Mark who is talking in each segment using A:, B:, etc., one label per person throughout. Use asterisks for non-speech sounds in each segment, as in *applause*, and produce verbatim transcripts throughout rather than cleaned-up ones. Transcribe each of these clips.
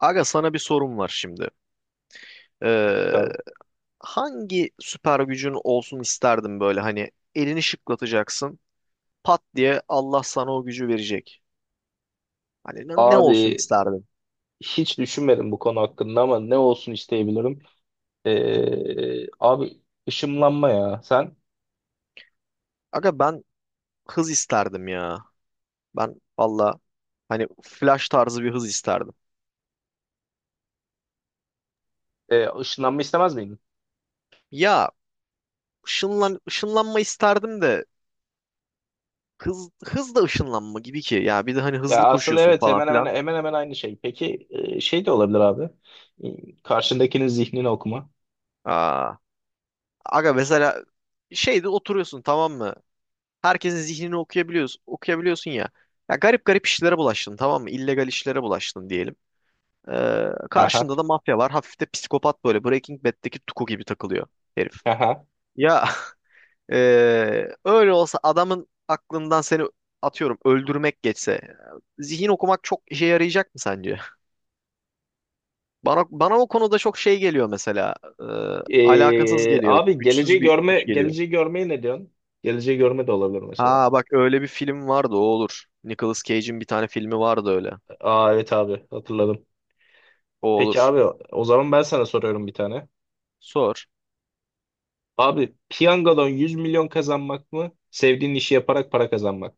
A: Aga sana bir sorum var şimdi. Ee,
B: Tabii.
A: Hangi süper gücün olsun isterdin böyle hani elini şıklatacaksın pat diye Allah sana o gücü verecek. Hani ne, ne olsun
B: Abi
A: isterdin?
B: hiç düşünmedim bu konu hakkında ama ne olsun isteyebilirim. Ee, abi ışınlanma ya. Sen
A: Aga ben hız isterdim ya. Ben valla hani flash tarzı bir hız isterdim.
B: e, ışınlanma istemez miydin?
A: Ya ışınlan, ışınlanma isterdim de hız, hız da ışınlanma gibi ki. Ya bir de hani hızlı
B: Ya aslında
A: koşuyorsun
B: evet
A: falan
B: hemen hemen
A: filan.
B: hemen hemen aynı şey. Peki e, şey de olabilir abi. E, Karşındakinin zihnini okuma.
A: Aa, aga mesela şeyde oturuyorsun, tamam mı? Herkesin zihnini okuyabiliyorsun, okuyabiliyorsun ya. Ya garip garip işlere bulaştın, tamam mı? İllegal işlere bulaştın diyelim. Ee,
B: Haha,
A: Karşında da mafya var. Hafif de psikopat böyle. Breaking Bad'deki Tuku gibi takılıyor herif.
B: haha.
A: Ya *laughs* ee, öyle olsa adamın aklından seni atıyorum öldürmek geçse e, zihin okumak çok işe yarayacak mı sence? *laughs* Bana bana o konuda çok şey geliyor mesela. Ee, Alakasız
B: Ee,
A: geliyor.
B: abi geleceği
A: Güçsüz bir
B: görme
A: güç geliyor.
B: geleceği görmeye ne diyorsun? Geleceği görme de olabilir mesela.
A: Ha bak, öyle bir film vardı, o olur. Nicolas Cage'in bir tane filmi vardı öyle.
B: Aa, evet abi hatırladım.
A: O
B: Peki
A: olur.
B: abi o zaman ben sana soruyorum bir tane.
A: Sor.
B: Abi piyangodan yüz milyon kazanmak mı? Sevdiğin işi yaparak para kazanmak.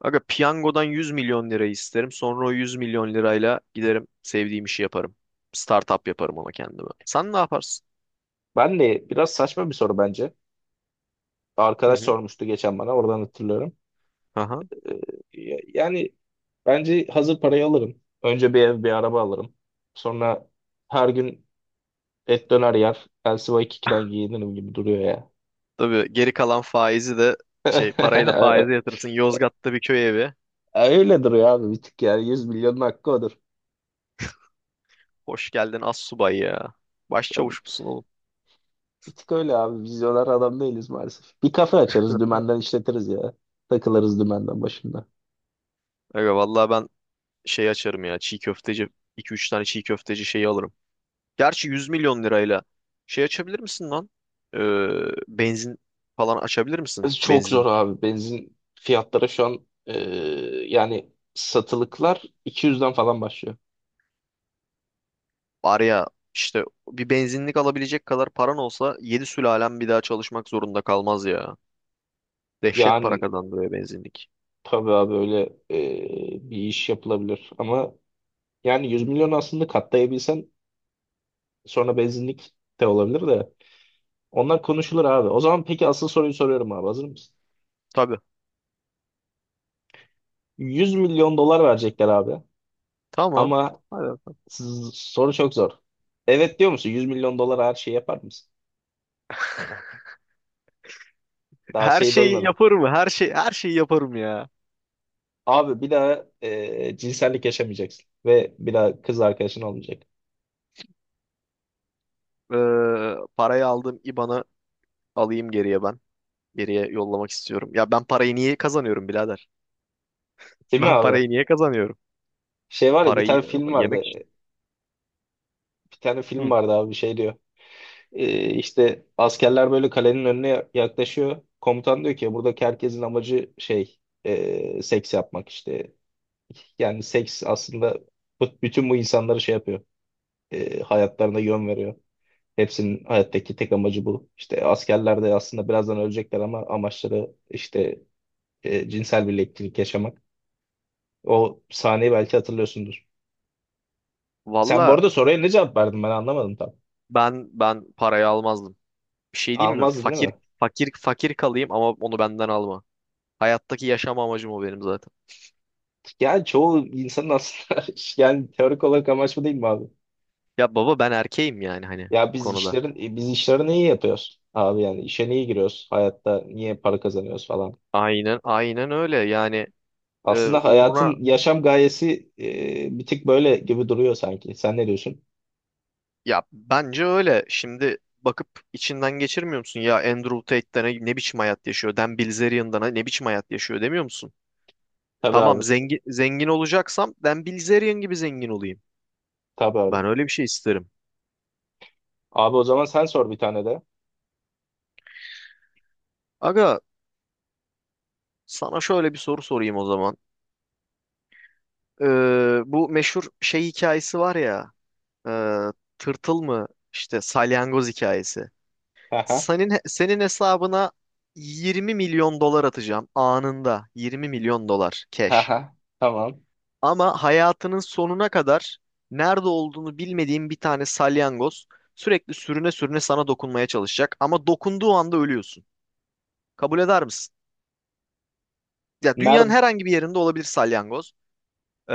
A: Aga piyangodan yüz milyon lira isterim. Sonra o yüz milyon lirayla giderim, sevdiğim işi yaparım. Startup yaparım ona, kendime. Sen ne yaparsın?
B: Ben de biraz saçma bir soru bence.
A: Hı
B: Arkadaş
A: hı.
B: sormuştu geçen bana oradan hatırlıyorum.
A: Aha.
B: Ee, ya- yani bence hazır parayı alırım. Önce bir ev bir araba alırım. Sonra her gün et döner yer. Elsiva ikiden giyinirim gibi duruyor ya.
A: Tabii geri kalan faizi de şey parayı da faize
B: *laughs*
A: yatırırsın. Yozgat'ta bir köy evi.
B: Öyle duruyor abi bir tık yani yüz milyonun hakkı odur.
A: Hoş geldin astsubay ya.
B: Ya bir,
A: Başçavuş musun oğlum?
B: bir tık öyle abi vizyoner adam değiliz maalesef. Bir kafe açarız dümenden işletiriz ya. Takılırız dümenden başında.
A: Aga vallahi ben şey açarım ya. Çiğ köfteci, iki üç tane çiğ köfteci şeyi alırım. Gerçi yüz milyon lirayla şey açabilir misin lan? Ee, Benzin falan açabilir misin?
B: Çok
A: Benzinli.
B: zor abi. Benzin fiyatları şu an e, yani satılıklar iki yüzden falan başlıyor.
A: Var ya işte, bir benzinlik alabilecek kadar paran olsa yedi sülalem bir daha çalışmak zorunda kalmaz ya. Dehşet para
B: Yani
A: kazandırıyor benzinlik.
B: tabii abi öyle e, bir iş yapılabilir. Ama yani yüz milyon aslında katlayabilsen sonra benzinlik de olabilir de. Onlar konuşulur abi. O zaman peki asıl soruyu soruyorum abi. Hazır mısın?
A: Tabii.
B: yüz milyon dolar verecekler abi.
A: Tamam.
B: Ama
A: Hadi bakalım.
B: s- soru çok zor. Evet diyor musun? yüz milyon dolar her şeyi yapar mısın?
A: *laughs*
B: Daha
A: Her
B: şeyi
A: şeyi
B: doymadım.
A: yaparım. Her şey her şeyi yaparım ya.
B: Abi bir daha e, cinsellik yaşamayacaksın. Ve bir daha kız arkadaşın olmayacak.
A: Ee, Parayı aldım, IBAN'ı alayım geriye ben. Geriye yollamak istiyorum. Ya ben parayı niye kazanıyorum birader? *laughs*
B: Değil mi
A: Ben
B: abi?
A: parayı niye kazanıyorum?
B: Şey var ya bir
A: Parayı
B: tane
A: e,
B: film vardı.
A: yemek için.
B: Bir tane film
A: Hı.
B: vardı abi şey diyor. E, işte askerler böyle kalenin önüne yaklaşıyor. Komutan diyor ki buradaki herkesin amacı şey e, seks yapmak işte. Yani seks aslında bu- bütün bu insanları şey yapıyor. E, hayatlarına yön veriyor. Hepsinin hayattaki tek amacı bu. İşte askerler de aslında birazdan ölecekler ama amaçları işte e, cinsel birliktelik yaşamak. O sahneyi belki hatırlıyorsundur. Sen bu
A: Valla
B: arada soruya ne cevap verdin ben anlamadım tam.
A: ben ben parayı almazdım. Bir şey diyeyim mi?
B: Almazdın değil
A: Fakir
B: mi?
A: fakir fakir kalayım ama onu benden alma. Hayattaki yaşam amacım o benim zaten.
B: Yani çoğu insanın aslında *laughs* yani teorik olarak amaç bu değil mi abi?
A: Ya baba, ben erkeğim yani, hani
B: Ya
A: bu
B: biz
A: konuda.
B: işlerin e, biz işlerini iyi yapıyoruz abi yani işe niye giriyoruz? Hayatta niye para kazanıyoruz falan.
A: Aynen aynen, öyle yani. E,
B: Aslında
A: uğruna,
B: hayatın yaşam gayesi e, bir tık böyle gibi duruyor sanki. Sen ne diyorsun?
A: ya bence öyle. Şimdi bakıp içinden geçirmiyor musun? Ya Andrew Tate'den ne, ne biçim hayat yaşıyor? Dan Bilzerian'dan ne biçim hayat yaşıyor demiyor musun?
B: Tabii abi.
A: Tamam, zengin zengin olacaksam Dan Bilzerian gibi zengin olayım.
B: Tabii abi.
A: Ben öyle bir şey isterim.
B: Abi o zaman sen sor bir tane de.
A: Aga, sana şöyle bir soru sorayım o zaman. Ee, bu meşhur şey hikayesi var ya, e, tırtıl mı işte, salyangoz hikayesi.
B: Haha.
A: Senin senin hesabına yirmi milyon dolar atacağım anında. yirmi milyon dolar cash.
B: Haha. Tamam.
A: Ama hayatının sonuna kadar nerede olduğunu bilmediğin bir tane salyangoz sürekli sürüne sürüne sana dokunmaya çalışacak, ama dokunduğu anda ölüyorsun. Kabul eder misin? Ya, dünyanın
B: Nerede
A: herhangi bir yerinde olabilir salyangoz. Ee,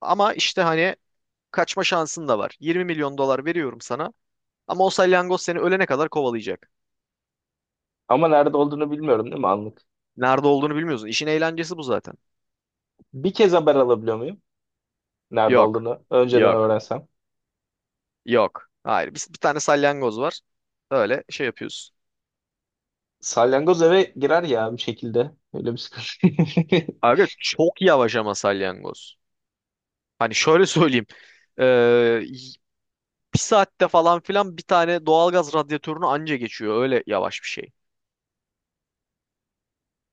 A: Ama işte hani kaçma şansın da var. yirmi milyon dolar veriyorum sana ama o salyangoz seni ölene kadar kovalayacak.
B: ama nerede olduğunu bilmiyorum değil mi anlık?
A: Nerede olduğunu bilmiyorsun. İşin eğlencesi bu zaten.
B: Bir kez haber alabiliyor muyum? Nerede
A: Yok.
B: olduğunu önceden
A: Yok.
B: öğrensem.
A: Yok. Hayır. Biz bir tane salyangoz var. Öyle şey yapıyoruz.
B: Salyangoz eve girer ya bir şekilde. Öyle bir sıkıntı. *laughs*
A: Aga, çok yavaş ama salyangoz. Hani şöyle *laughs* söyleyeyim. Ee, y- bir saatte falan filan bir tane doğalgaz radyatörünü anca geçiyor. Öyle yavaş bir şey.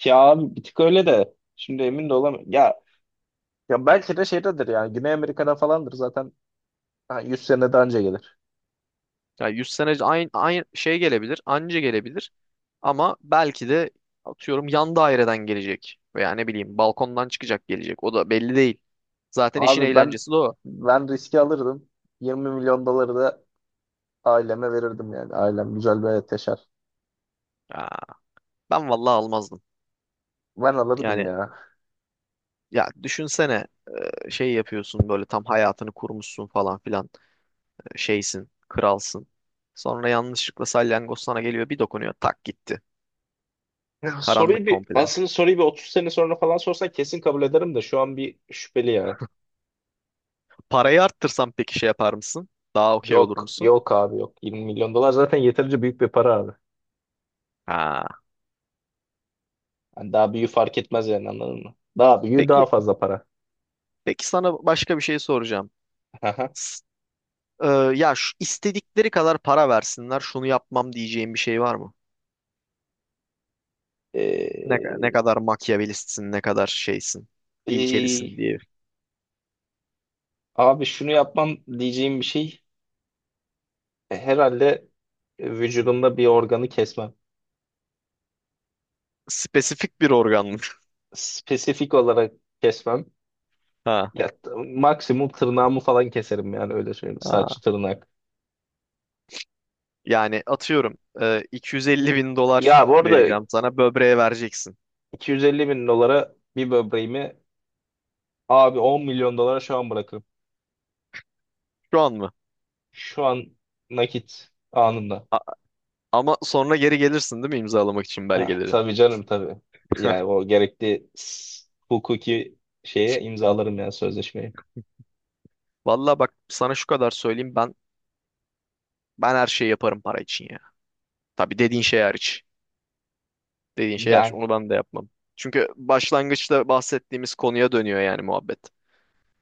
B: Ya abi bir tık öyle de. Şimdi emin de olamıyorum. Ya, ya belki de şeydedir yani. Güney Amerika'da falandır zaten. Ha, yüz sene daha önce gelir.
A: Yani yüz sene aynı, aynı şey gelebilir. Anca gelebilir. Ama belki de atıyorum yan daireden gelecek. Veya ne bileyim balkondan çıkacak, gelecek. O da belli değil. Zaten işin
B: Abi ben
A: eğlencesi de o.
B: ben riski alırdım. yirmi milyon doları da aileme verirdim yani. Ailem güzel bir hayat yaşar.
A: Ya, ben vallahi almazdım.
B: Ben alırdım
A: Yani
B: ya.
A: ya, düşünsene. Şey yapıyorsun böyle, tam hayatını kurmuşsun falan filan, şeysin, kralsın. Sonra yanlışlıkla salyangoz sana geliyor, bir dokunuyor, tak gitti.
B: Ya soruyu
A: Karanlık
B: bir
A: komple.
B: aslında soruyu bir otuz sene sonra falan sorsan kesin kabul ederim de şu an bir şüpheli ya.
A: Parayı arttırsam peki şey yapar mısın? Daha okey olur
B: Yok
A: musun?
B: yok abi yok. yirmi milyon dolar zaten yeterince büyük bir para abi.
A: Ha.
B: Yani daha büyüğü fark etmez yani anladın mı? Daha büyüğü daha
A: Peki
B: fazla para.
A: peki sana başka bir şey soracağım.
B: Aha.
A: S- e, ya şu, istedikleri kadar para versinler şunu yapmam diyeceğin bir şey var mı? Ne, ka- ne
B: Ee,
A: kadar makyavelistsin, ne kadar şeysin,
B: ee,
A: ilkelisin
B: e,
A: diye.
B: abi şunu yapmam diyeceğim bir şey. e, Herhalde vücudumda bir organı kesmem.
A: Spesifik bir organ mı? *laughs*
B: Spesifik olarak kesmem.
A: Ha.
B: Ya, t- maksimum tırnağımı falan keserim yani öyle söyleyeyim.
A: Ha.
B: Saç, tırnak.
A: Yani atıyorum e, iki yüz elli bin dolar
B: Ya bu arada
A: vereceğim sana, böbreğe vereceksin.
B: iki yüz elli bin dolara bir böbreğimi abi on milyon dolara şu an bırakırım.
A: Şu an mı?
B: Şu an nakit anında.
A: Ama sonra geri gelirsin değil mi, imzalamak için
B: Ah,
A: belgeleri?
B: tabii canım tabii. Yani o gerekli s- hukuki şeye imzalarım yani sözleşmeyi.
A: Vallahi bak sana şu kadar söyleyeyim, ben ben her şeyi yaparım para için ya. Tabii, dediğin şey hariç. Dediğin şey hariç,
B: Yani
A: onu ben de yapmam. Çünkü başlangıçta bahsettiğimiz konuya dönüyor yani muhabbet.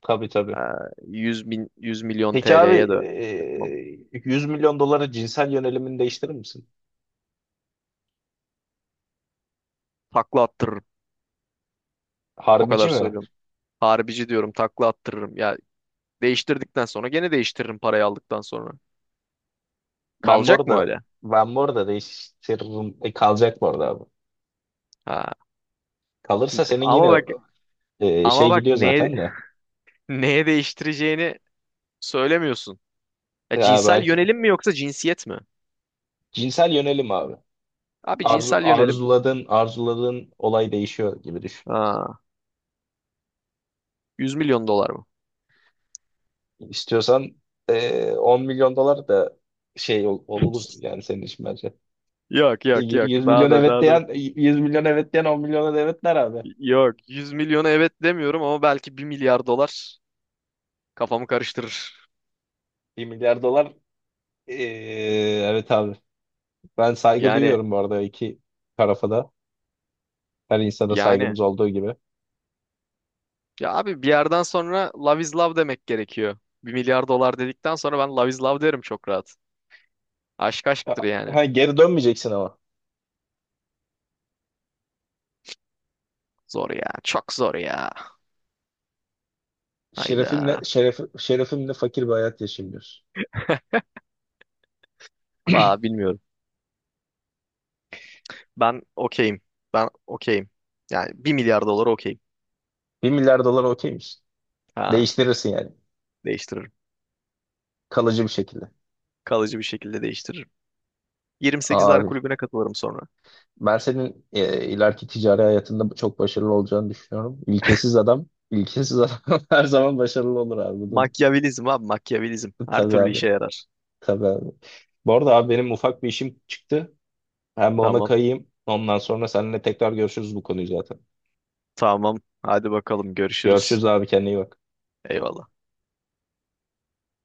B: tabii tabii.
A: Ee, yüz bin yüz milyon
B: Peki
A: T L'ye
B: abi
A: de yapmam.
B: e, yüz milyon dolara cinsel yönelimini değiştirir misin?
A: Takla attırırım. O
B: Harbici
A: kadar
B: mi?
A: söylüyorum. Harbici diyorum, takla attırırım. Ya, değiştirdikten sonra gene değiştiririm parayı aldıktan sonra.
B: Ben bu
A: Kalacak mı
B: arada
A: öyle?
B: ben bu arada değiştiririm. E, kalacak bu arada abi.
A: Ha,
B: Kalırsa senin
A: ama
B: yine
A: bak
B: e,
A: ama
B: şey
A: bak
B: gidiyor
A: neye
B: zaten de.
A: *laughs* neye değiştireceğini söylemiyorsun. Ya,
B: Ya
A: cinsel
B: belki.
A: yönelim mi yoksa cinsiyet mi?
B: Cinsel yönelim abi.
A: Abi
B: Arzu,
A: cinsel yönelim.
B: arzuladığın arzuladığın olay değişiyor gibi düşün.
A: Ha, yüz milyon dolar mı?
B: İstiyorsan eee on milyon dolar da şey ol, ol- olur
A: *laughs*
B: yani senin için bence.
A: Yok,
B: E,
A: yok,
B: Y-
A: yok.
B: yüz
A: Daha
B: milyon
A: da,
B: evet
A: daha da.
B: diyen yüz milyon evet diyen on milyona da evet der abi.
A: Yok, yüz milyona evet demiyorum ama belki bir milyar dolar kafamı karıştırır.
B: bir milyar dolar eee, evet abi. Ben saygı
A: Yani
B: duyuyorum bu arada iki tarafa da. Her insana saygımız
A: yani
B: olduğu gibi.
A: ya abi, bir yerden sonra love is love demek gerekiyor. Bir milyar dolar dedikten sonra ben love is love derim çok rahat. Aşk
B: Ya,
A: aşktır yani.
B: Ha, geri dönmeyeceksin ama.
A: Zor ya. Çok zor ya.
B: Şerefimle
A: Hayda.
B: şeref, şerefimle fakir bir hayat yaşayayım diyorsun.
A: Valla bilmiyorum. Ben okeyim. Ben okeyim. Yani bir milyar dolar okeyim.
B: bir milyar dolar okey misin?
A: Ha,
B: Değiştirirsin yani.
A: değiştiririm.
B: Kalıcı bir şekilde.
A: Kalıcı bir şekilde değiştiririm. Yirmi sekizler
B: Abi
A: kulübüne katılırım sonra.
B: ben senin e, ileriki ticari hayatında çok başarılı olacağını düşünüyorum. İlkesiz adam, ilkesiz adam *laughs* her zaman başarılı olur abi. Bunu,
A: Makyavelizm abi, makyavelizm. Her
B: tabii
A: türlü
B: abi,
A: işe yarar.
B: tabii abi. Bu arada abi benim ufak bir işim çıktı. Ben bir ona
A: Tamam.
B: kayayım. Ondan sonra seninle tekrar görüşürüz bu konuyu zaten.
A: Tamam. Hadi bakalım, görüşürüz.
B: Görüşürüz abi kendine iyi bak.
A: Eyvallah.